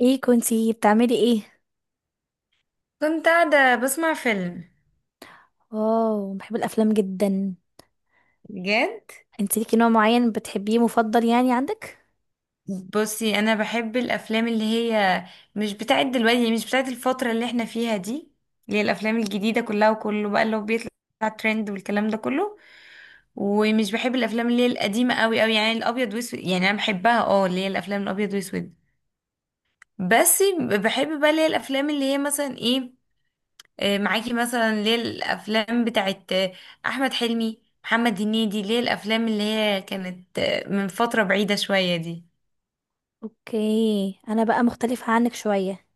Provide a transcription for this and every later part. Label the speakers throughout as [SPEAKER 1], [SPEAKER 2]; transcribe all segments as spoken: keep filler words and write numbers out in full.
[SPEAKER 1] ايه كنتي بتعملي ايه؟
[SPEAKER 2] كنت قاعدة بسمع فيلم.
[SPEAKER 1] واو، بحب الافلام جدا.
[SPEAKER 2] بجد؟
[SPEAKER 1] انت ليكي نوع معين بتحبيه مفضل يعني عندك؟
[SPEAKER 2] بصي، أنا بحب الأفلام اللي هي مش بتاعت دلوقتي، مش بتاعت الفترة اللي احنا فيها دي، اللي هي الأفلام الجديدة كلها وكله بقى اللي هو بيطلع ترند والكلام ده كله. ومش بحب الأفلام اللي هي القديمة قوي قوي، يعني الأبيض وأسود. يعني أنا بحبها، اه، اللي هي الأفلام الأبيض وأسود. بس بحب بقى اللي هي الأفلام اللي هي مثلا ايه، آه، معاكي، مثلا ليه الافلام بتاعت آه، احمد حلمي محمد هنيدي، ليه الافلام اللي هي كانت آه، من فتره بعيده شويه دي.
[SPEAKER 1] اوكي، انا بقى مختلفة عنك شوية.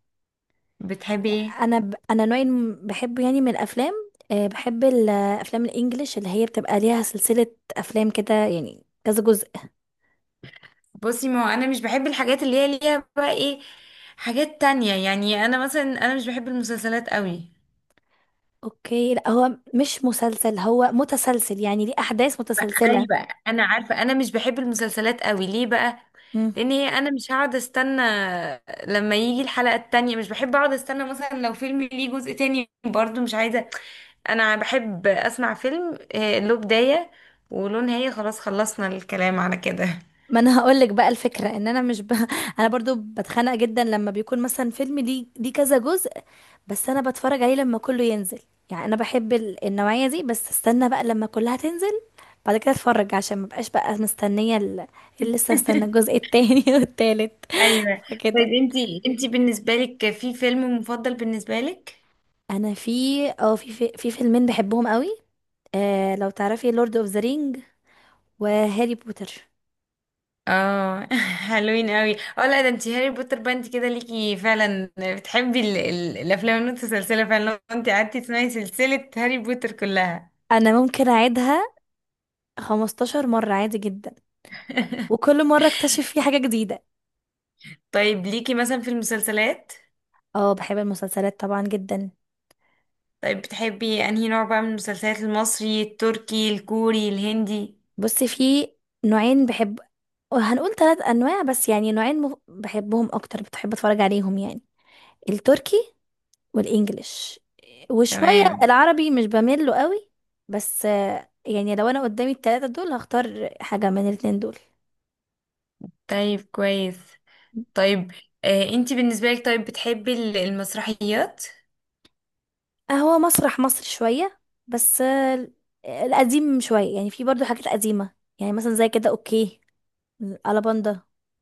[SPEAKER 2] بتحبي ايه؟
[SPEAKER 1] انا ب... انا نوع الم- بحبه يعني من الافلام. أه بحب الافلام الانجليش اللي هي بتبقى ليها سلسلة افلام كده يعني كذا جزء.
[SPEAKER 2] بصي، ما هو انا مش بحب الحاجات اللي هي ليها بقى ايه، حاجات تانية. يعني انا مثلا انا مش بحب المسلسلات قوي.
[SPEAKER 1] اوكي، لا هو مش مسلسل، هو متسلسل يعني ليه احداث متسلسلة.
[SPEAKER 2] ايوه انا عارفه، انا مش بحب المسلسلات قوي ليه بقى.
[SPEAKER 1] مم.
[SPEAKER 2] لان هي انا مش هقعد استنى لما يجي الحلقه التانية، مش بحب اقعد استنى. مثلا لو فيلم ليه جزء تاني برضو مش عايزه. انا بحب اسمع فيلم آه، له بداية وله نهاية، خلاص خلصنا الكلام على كده.
[SPEAKER 1] ما انا هقول لك بقى الفكره ان انا مش ب... انا برضو بتخنق جدا لما بيكون مثلا فيلم ليه ليه كذا جزء. بس انا بتفرج عليه لما كله ينزل، يعني انا بحب ال- النوعيه دي، بس استنى بقى لما كلها تنزل بعد كده اتفرج عشان ما بقاش بقى مستنيه ال- اللي لسه استنى الجزء التاني والتالت.
[SPEAKER 2] ايوه. طيب
[SPEAKER 1] فكده.
[SPEAKER 2] انتي انتي بالنسبه لك في فيلم مفضل بالنسبه لك؟
[SPEAKER 1] انا في اه في في, في فيلمين بحبهم قوي. آه، لو تعرفي لورد اوف ذا رينج وهاري بوتر.
[SPEAKER 2] اه حلوين قوي. اه لا، ده انتي هاري بوتر بقى، انتي كده ليكي فعلا، بتحبي ال ال الافلام المتسلسله فعلا، لو انتي قعدتي تسمعي سلسله هاري بوتر كلها.
[SPEAKER 1] انا ممكن اعيدها خمستاشر مره عادي جدا، وكل مره اكتشف فيه حاجه جديده.
[SPEAKER 2] طيب ليكي مثلا في المسلسلات؟
[SPEAKER 1] اه، بحب المسلسلات طبعا جدا.
[SPEAKER 2] طيب بتحبي انهي نوع بقى من المسلسلات، المصري التركي الكوري الهندي؟
[SPEAKER 1] بصي، في نوعين بحب، هنقول ثلاث انواع بس يعني نوعين مف- بحبهم اكتر بتحب اتفرج عليهم يعني. التركي والانجليش، وشوية
[SPEAKER 2] تمام.
[SPEAKER 1] العربي مش بميل له قوي. بس آه، يعني لو انا قدامي الثلاثة دول هختار حاجة من الاتنين دول.
[SPEAKER 2] طيب كويس. طيب، آه انتي بالنسبة لك، طيب بتحبي ال- المسرحيات؟
[SPEAKER 1] هو مسرح مصر شوية، بس آه، القديم شوية يعني في برضو حاجات قديمة. يعني مثلا زي كده، اوكي الألاباندا،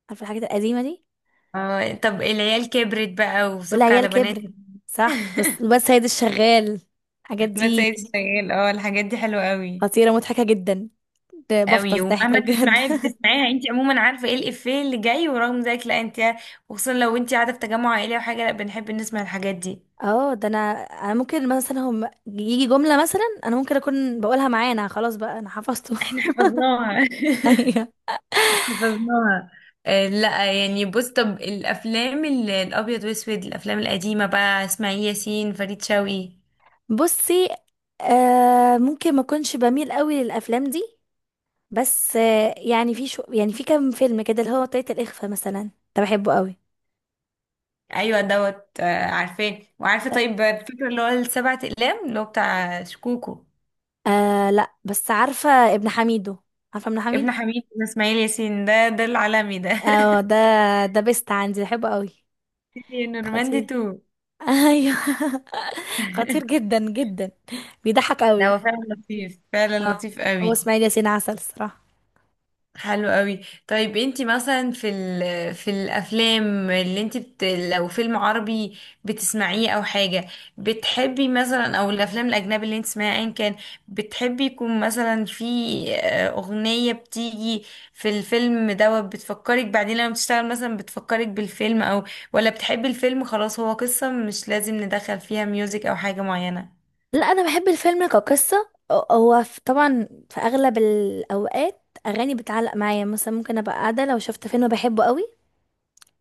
[SPEAKER 1] عارفة الحاجات القديمة دي.
[SPEAKER 2] اه طب العيال كبرت بقى وسك
[SPEAKER 1] والعيال
[SPEAKER 2] على
[SPEAKER 1] كبرت.
[SPEAKER 2] بناتك.
[SPEAKER 1] صح، بس بس سيد الشغال، الحاجات
[SPEAKER 2] ولاد
[SPEAKER 1] دي
[SPEAKER 2] سيد الشغال. اه الحاجات دي حلوة قوي.
[SPEAKER 1] خطيرة مضحكة جدا، ده
[SPEAKER 2] قوي،
[SPEAKER 1] بفطس ضحكة
[SPEAKER 2] ومهما
[SPEAKER 1] بجد
[SPEAKER 2] تسمعيها بتسمعيها، انتي عموما عارفة ايه الإفيه اللي جاي، ورغم ذلك لا، انتي وخصوصا لو انتي قاعدة في تجمع عائلي او حاجة، لا بنحب نسمع الحاجات دي.
[SPEAKER 1] اه، ده انا. انا ممكن مثلا هم يجي جملة، مثلا انا ممكن اكون بقولها معانا، خلاص بقى انا حفظته
[SPEAKER 2] حفظناها.
[SPEAKER 1] ايوه.
[SPEAKER 2] حفظناها. آه، لا يعني بص، طب الافلام ال- الابيض واسود، الافلام القديمه بقى، اسماعيل ياسين فريد شوقي.
[SPEAKER 1] بصي، آه ممكن ما اكونش بميل قوي للافلام دي. بس آه يعني في شو يعني في كام فيلم كده اللي هو طريقة الإخفاء مثلا، ده بحبه قوي.
[SPEAKER 2] ايوه دوت، آه، عارفاه وعارفه. طيب الفكره اللي هو السبع اقلام اللي هو بتاع شكوكو.
[SPEAKER 1] آه لا، بس عارفة ابن حميدو، عارفة ابن
[SPEAKER 2] ابن
[SPEAKER 1] حميدو.
[SPEAKER 2] حميد بن اسماعيل ياسين، ده ده العالمي ده.
[SPEAKER 1] اه، ده ده بيست عندي، بحبه قوي.
[SPEAKER 2] نورماندي
[SPEAKER 1] خطير.
[SPEAKER 2] تو.
[SPEAKER 1] ايوه خطير جدا جدا، بيضحك
[SPEAKER 2] لا،
[SPEAKER 1] قوي.
[SPEAKER 2] هو فعلا لطيف، فعلا
[SPEAKER 1] اه.
[SPEAKER 2] لطيف
[SPEAKER 1] هو
[SPEAKER 2] قوي.
[SPEAKER 1] اسماعيل ياسين عسل الصراحه.
[SPEAKER 2] حلو قوي. طيب انتي مثلا في ال... في الافلام اللي انتي بت... لو فيلم عربي بتسمعيه او حاجه بتحبي مثلا، او الافلام الاجنبي اللي انتي تسمعيها ايا كان، بتحبي يكون مثلا في آه، اغنيه بتيجي في الفيلم دوت بتفكرك بعدين لما بتشتغل، مثلا بتفكرك بالفيلم، او ولا بتحبي الفيلم خلاص، هو قصه مش لازم ندخل فيها ميوزك او حاجه معينه.
[SPEAKER 1] لا، انا بحب الفيلم كقصه. هو في- طبعا في اغلب الاوقات اغاني بتعلق معايا، مثلا ممكن ابقى قاعده لو شفت فيلم بحبه قوي،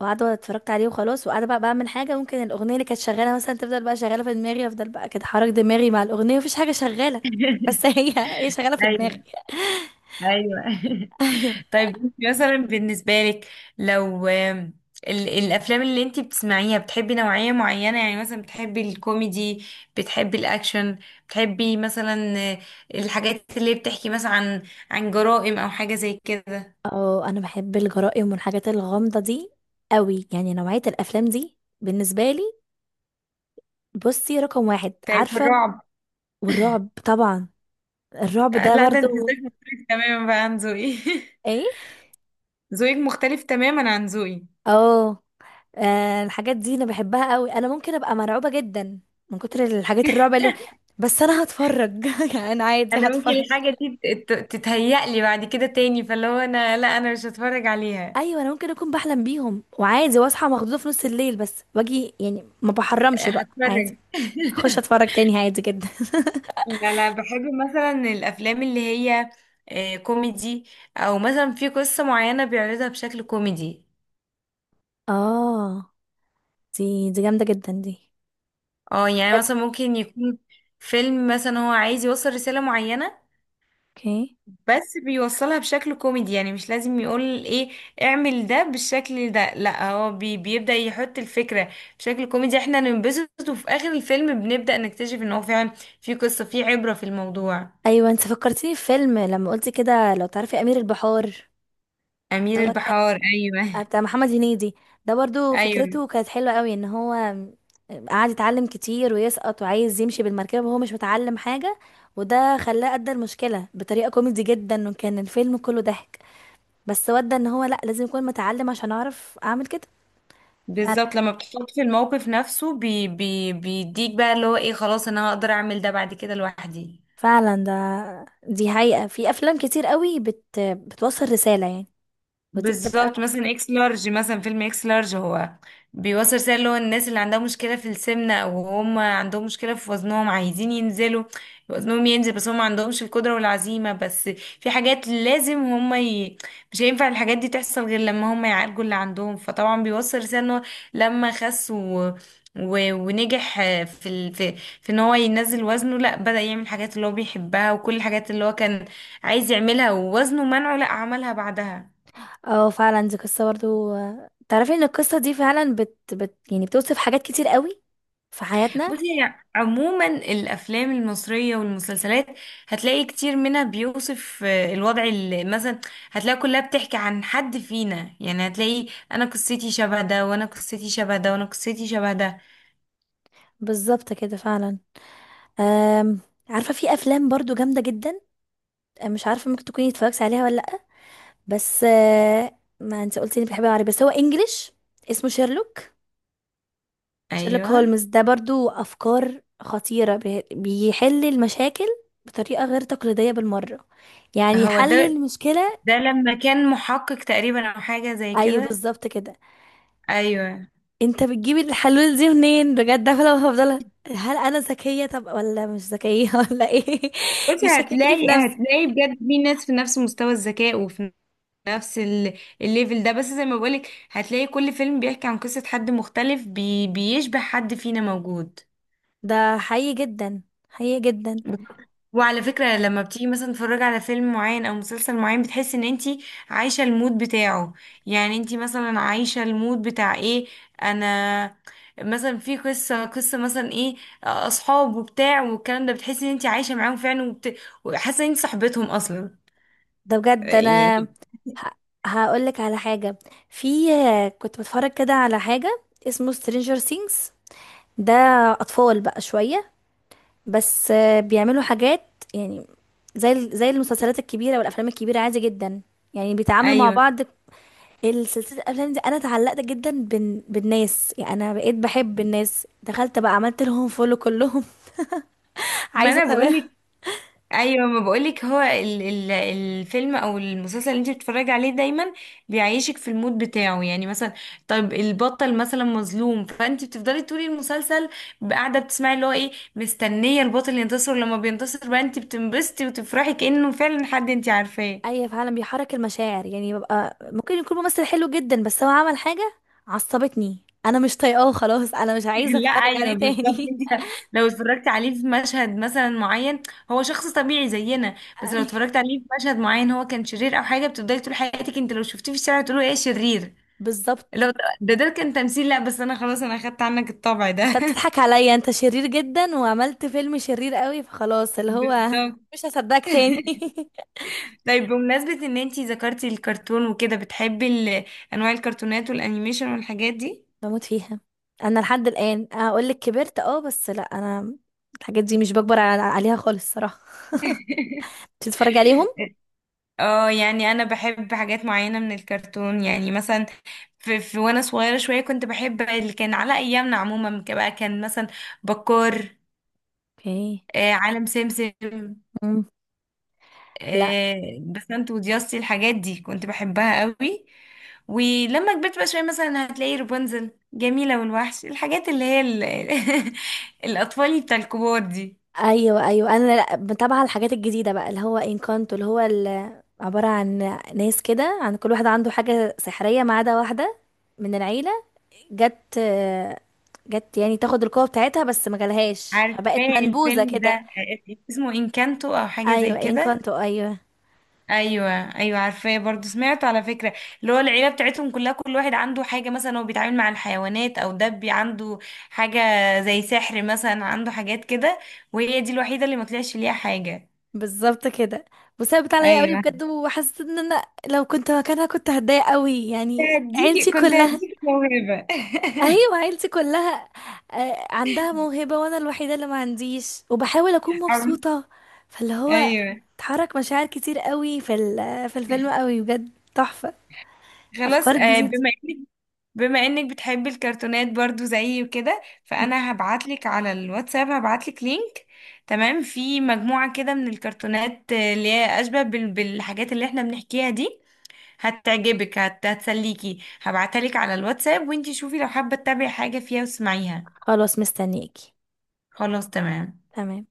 [SPEAKER 1] وقاعده اتفرجت عليه وخلاص، وقاعده بقى بعمل حاجه ممكن الاغنيه اللي كانت شغاله مثلا تفضل بقى شغاله في دماغي، افضل بقى كده حرك دماغي مع الاغنيه، مفيش حاجه شغاله بس هي هي شغاله في دماغي.
[SPEAKER 2] ايوه ايوه.
[SPEAKER 1] ايوه.
[SPEAKER 2] طيب انت مثلا بالنسبة لك، لو آم، ال- الأفلام اللي انت بتسمعيها بتحبي نوعية معينة، يعني مثلا بتحبي الكوميدي، بتحبي الأكشن، بتحبي مثلا آه، الحاجات اللي بتحكي مثلا عن عن جرائم أو حاجة زي كده؟
[SPEAKER 1] اه، انا بحب الجرائم والحاجات الغامضة دي قوي، يعني نوعية الافلام دي بالنسبة لي، بصي، رقم واحد،
[SPEAKER 2] طيب
[SPEAKER 1] عارفة.
[SPEAKER 2] الرعب؟
[SPEAKER 1] والرعب طبعا، الرعب
[SPEAKER 2] آه،
[SPEAKER 1] ده
[SPEAKER 2] لا ده انت
[SPEAKER 1] برضو.
[SPEAKER 2] ذوقك مختلف تماما بقى عن ذوقي.
[SPEAKER 1] ايه؟
[SPEAKER 2] ذوقك مختلف تماما عن ذوقي.
[SPEAKER 1] اه، آه، الحاجات دي انا بحبها قوي، انا ممكن ابقى مرعوبة جدا من كتر الحاجات الرعب اللي، بس انا هتفرج يعني انا عادي
[SPEAKER 2] انا ممكن
[SPEAKER 1] هتفرج.
[SPEAKER 2] الحاجة دي تت- تت- تتهيأ لي بعد كده تاني، فاللي هو انا لا انا مش هتفرج عليها.
[SPEAKER 1] ايوه، انا ممكن اكون بحلم بيهم وعادي، واصحى مخضوضة في نص الليل بس واجي يعني ما
[SPEAKER 2] آه،
[SPEAKER 1] بحرمش بقى عادي.
[SPEAKER 2] هتفرج.
[SPEAKER 1] اخش اتفرج تاني عادي جدا.
[SPEAKER 2] لا لا، بحب مثلا الافلام اللي هي آه، كوميدي، او مثلا في قصة معينة بيعرضها بشكل كوميدي.
[SPEAKER 1] اه، دي دي جامدة جدا دي.
[SPEAKER 2] اه يعني مثلا ممكن يكون فيلم مثلا هو عايز يوصل رسالة معينة،
[SPEAKER 1] اوكي.
[SPEAKER 2] بس بيوصلها بشكل كوميدي. يعني مش لازم يقول ايه اعمل ده بالشكل ده، لا هو بي بيبدأ يحط الفكرة بشكل كوميدي، احنا ننبسط، وفي اخر الفيلم بنبدأ نكتشف ان هو فعلا في قصة، في عبرة في الموضوع.
[SPEAKER 1] ايوه، انت فكرتيني في فيلم لما قلتي كده، لو تعرفي امير البحار،
[SPEAKER 2] أمير البحار
[SPEAKER 1] كان
[SPEAKER 2] ايوه.
[SPEAKER 1] بتاع محمد هنيدي. ده برضو
[SPEAKER 2] ايوه
[SPEAKER 1] فكرته كانت حلوة قوي، ان هو قعد يتعلم كتير ويسقط، وعايز يمشي بالمركبة وهو مش متعلم حاجة، وده خلاه أدى المشكلة بطريقة كوميدي جدا، وكان الفيلم كله ضحك. بس ودى ان هو لا، لازم يكون متعلم عشان اعرف اعمل كده. فعلا
[SPEAKER 2] بالظبط، لما بتحط في الموقف نفسه بي بي بيديك بقى اللي هو ايه خلاص انا هقدر اعمل ده بعد كده لوحدي.
[SPEAKER 1] فعلا، ده دي حقيقة في افلام كتير قوي بت... بتوصل رسالة يعني، ودي بتبقى.
[SPEAKER 2] بالظبط، مثلا اكس لارج، مثلا فيلم اكس لارج، هو بيوصل رسالة اللي هو الناس اللي عندها مشكلة في السمنة، او هم عندهم مشكلة في وزنهم، عايزين ينزلوا وزنهم ينزل، بس هم ما عندهمش القدرة والعزيمة. بس في حاجات لازم هم ي... مش هينفع الحاجات دي تحصل غير لما هم يعالجوا اللي عندهم. فطبعا بيوصل رسالة ان هو لما خس و... و... ونجح في ال... في في ان هو ينزل وزنه، لا بدأ يعمل الحاجات اللي هو بيحبها، وكل الحاجات اللي هو كان عايز يعملها ووزنه منعه، لا عملها بعدها.
[SPEAKER 1] اه فعلا، دي قصة برضو، تعرفي ان القصة دي فعلا بت, بت يعني بتوصف حاجات كتير قوي في حياتنا.
[SPEAKER 2] بصي هي عموما الافلام المصريه والمسلسلات، هتلاقي كتير منها بيوصف آه، الوضع اللي مثلا، هتلاقي كلها بتحكي عن حد فينا، يعني هتلاقي انا قصتي شبه ده، وانا قصتي شبه ده، وانا قصتي شبه ده.
[SPEAKER 1] بالظبط كده فعلا. أم... عارفة في افلام برضو جامدة جدا، مش عارفة ممكن تكوني اتفرجتي عليها ولا لأ. بس آه، ما انت قلتي انك بتحبي العربي، بس هو انجليش، اسمه شيرلوك. شيرلوك
[SPEAKER 2] ايوه.
[SPEAKER 1] هولمز ده برضو افكار خطيرة، بي- بيحل المشاكل بطريقة غير تقليدية بالمرة، يعني
[SPEAKER 2] هو
[SPEAKER 1] حل
[SPEAKER 2] ده.
[SPEAKER 1] المشكلة.
[SPEAKER 2] ده لما كان محقق تقريبا او حاجه زي
[SPEAKER 1] ايوه،
[SPEAKER 2] كده.
[SPEAKER 1] بالظبط كده.
[SPEAKER 2] ايوه.
[SPEAKER 1] انت بتجيب الحلول دي منين بجد؟ انا هفضل، هل انا ذكيه طب ولا مش ذكيه ولا ايه،
[SPEAKER 2] بصي
[SPEAKER 1] يشككني
[SPEAKER 2] هتلاقي،
[SPEAKER 1] في نفسي.
[SPEAKER 2] هتلاقي بجد في ناس في نفس مستوى الذكاء، وفي نفس ال- الليفل ده، بس زي ما بقولك هتلاقي كل فيلم بيحكي عن قصة حد مختلف بي بيشبه حد فينا موجود.
[SPEAKER 1] ده حقيقي جدا، حقيقي جدا.
[SPEAKER 2] بالظبط. وعلى فكرة لما بتيجي مثلا تتفرجي على فيلم معين او مسلسل معين، بتحس ان انتي عايشة المود بتاعه. يعني انتي مثلا عايشة المود بتاع ايه، انا مثلا في قصة قصة مثلا ايه، اصحاب وبتاع والكلام ده، بتحسي ان انتي عايشة معاهم فعلا، وبت... وحاسة ان انتي صاحبتهم اصلا
[SPEAKER 1] ده بجد، انا
[SPEAKER 2] يعني.
[SPEAKER 1] ه... هقول لك على حاجه. في، كنت بتفرج كده على حاجه اسمه سترينجر ثينجز. ده اطفال بقى شويه، بس بيعملوا حاجات يعني زي زي المسلسلات الكبيره والافلام الكبيره، عادي جدا يعني بيتعاملوا مع
[SPEAKER 2] ايوه
[SPEAKER 1] بعض. السلسلة الأفلام دي أنا اتعلقت جدا بال... بالناس، يعني أنا بقيت بحب الناس، دخلت بقى عملت لهم فولو كلهم
[SPEAKER 2] ما
[SPEAKER 1] عايزة
[SPEAKER 2] انا
[SPEAKER 1] أتابعهم.
[SPEAKER 2] بقولك، ايوه ما بقولك هو ال ال الفيلم او المسلسل اللي انت بتتفرجي عليه دايما بيعيشك في المود بتاعه. يعني مثلا طيب البطل مثلا مظلوم، فانت بتفضلي طول المسلسل قاعده بتسمعي اللي هو ايه، مستنيه البطل ينتصر، لما بينتصر بقى انت بتنبسطي وتفرحي كانه فعلا حد انت عارفاه.
[SPEAKER 1] أيوة فعلا، بيحرك المشاعر يعني ببقى ممكن يكون ممثل حلو جدا بس هو عمل حاجة عصبتني، أنا مش طايقاه، خلاص أنا مش عايزة
[SPEAKER 2] لا
[SPEAKER 1] أتفرج
[SPEAKER 2] ايوه
[SPEAKER 1] عليه
[SPEAKER 2] بالظبط.
[SPEAKER 1] تاني
[SPEAKER 2] انت لو اتفرجت عليه في مشهد مثلا معين، هو شخص طبيعي زينا، بس لو
[SPEAKER 1] أيوة،
[SPEAKER 2] اتفرجت عليه في مشهد معين هو كان شرير او حاجه، بتفضلي طول حياتك انت لو شفتيه في الشارع تقولي ايه شرير.
[SPEAKER 1] بالظبط.
[SPEAKER 2] لو ده ده كان تمثيل، لا بس انا خلاص انا اخدت عنك الطبع ده.
[SPEAKER 1] أنت بتضحك عليا، أنت شرير جدا وعملت فيلم شرير قوي، فخلاص اللي هو
[SPEAKER 2] بالظبط.
[SPEAKER 1] مش هصدقك تاني
[SPEAKER 2] طيب بمناسبة ان انتي ذكرتي الكرتون وكده، بتحبي ال- انواع الكرتونات والانيميشن والحاجات دي؟
[SPEAKER 1] بموت فيها. انا لحد الان اقول لك كبرت، اه، بس لا، انا الحاجات دي مش بكبر على- عليها خالص صراحه تتفرج عليهم.
[SPEAKER 2] اه يعني انا بحب حاجات معينة من الكرتون، يعني مثلا في, في وانا صغيرة شوية كنت بحب اللي كان على ايامنا عموما، ك- بقى كان مثلا بكار،
[SPEAKER 1] اوكي.
[SPEAKER 2] آه، عالم سمسم،
[SPEAKER 1] مم. لا،
[SPEAKER 2] آه، بسنت ودياستي، الحاجات دي كنت بحبها قوي. ولما كبرت بقى شوية مثلا هتلاقي رابنزل، جميلة والوحش، الحاجات اللي هي ال... الأطفال بتاع الكبار دي.
[SPEAKER 1] ايوه ايوه، انا لا متابعه الحاجات الجديده بقى اللي هو انكانتو، اللي هو ال- عباره عن ناس كده، عن كل واحد عنده حاجه سحريه ما عدا واحده من العيله، جت جت يعني تاخد القوه بتاعتها بس ما جالهاش، فبقت
[SPEAKER 2] عارفاه
[SPEAKER 1] منبوذه
[SPEAKER 2] الفيلم
[SPEAKER 1] كده.
[SPEAKER 2] ده، اسمه إنكانتو أو حاجة زي
[SPEAKER 1] ايوه
[SPEAKER 2] كده.
[SPEAKER 1] انكانتو، ايوه.
[SPEAKER 2] أيوة. أيوة عارفاه، برضو سمعته على فكرة. اللي هو العيلة بتاعتهم كلها كل واحد عنده حاجة، مثلا هو بيتعامل مع الحيوانات أو دبي عنده حاجة، زي سحر مثلا عنده حاجات كده، وهي دي الوحيدة اللي ما طلعش ليها حاجة.
[SPEAKER 1] بالظبط كده، وثابت عليا قوي
[SPEAKER 2] ايوه.
[SPEAKER 1] بجد، وحسيت ان انا لو كنت مكانها كنت هتضايق قوي، يعني
[SPEAKER 2] هديكي
[SPEAKER 1] عيلتي
[SPEAKER 2] كنت
[SPEAKER 1] كلها
[SPEAKER 2] هديكي موهبة.
[SPEAKER 1] ايوه عيلتي كلها آه، عندها موهبة وانا الوحيدة اللي ما عنديش وبحاول اكون
[SPEAKER 2] عم-
[SPEAKER 1] مبسوطة، فاللي هو
[SPEAKER 2] ايوه.
[SPEAKER 1] اتحرك مشاعر كتير قوي في ال- في الفيلم، قوي بجد تحفة،
[SPEAKER 2] خلاص،
[SPEAKER 1] افكار
[SPEAKER 2] آه،
[SPEAKER 1] جديدة.
[SPEAKER 2] بما انك بما انك بتحبي الكرتونات برضو زيي وكده، فانا هبعتلك على الواتساب، هبعتلك لينك. تمام، في مجموعة كده من الكرتونات آه، اللي هي اشبه بال- بالحاجات اللي احنا بنحكيها دي، هتعجبك، هت- هتسليكي، هبعتها لك على الواتساب، وانتي شوفي لو حابة تتابعي حاجة فيها واسمعيها.
[SPEAKER 1] خلاص مستنياكي.
[SPEAKER 2] خلاص تمام.
[SPEAKER 1] تمام.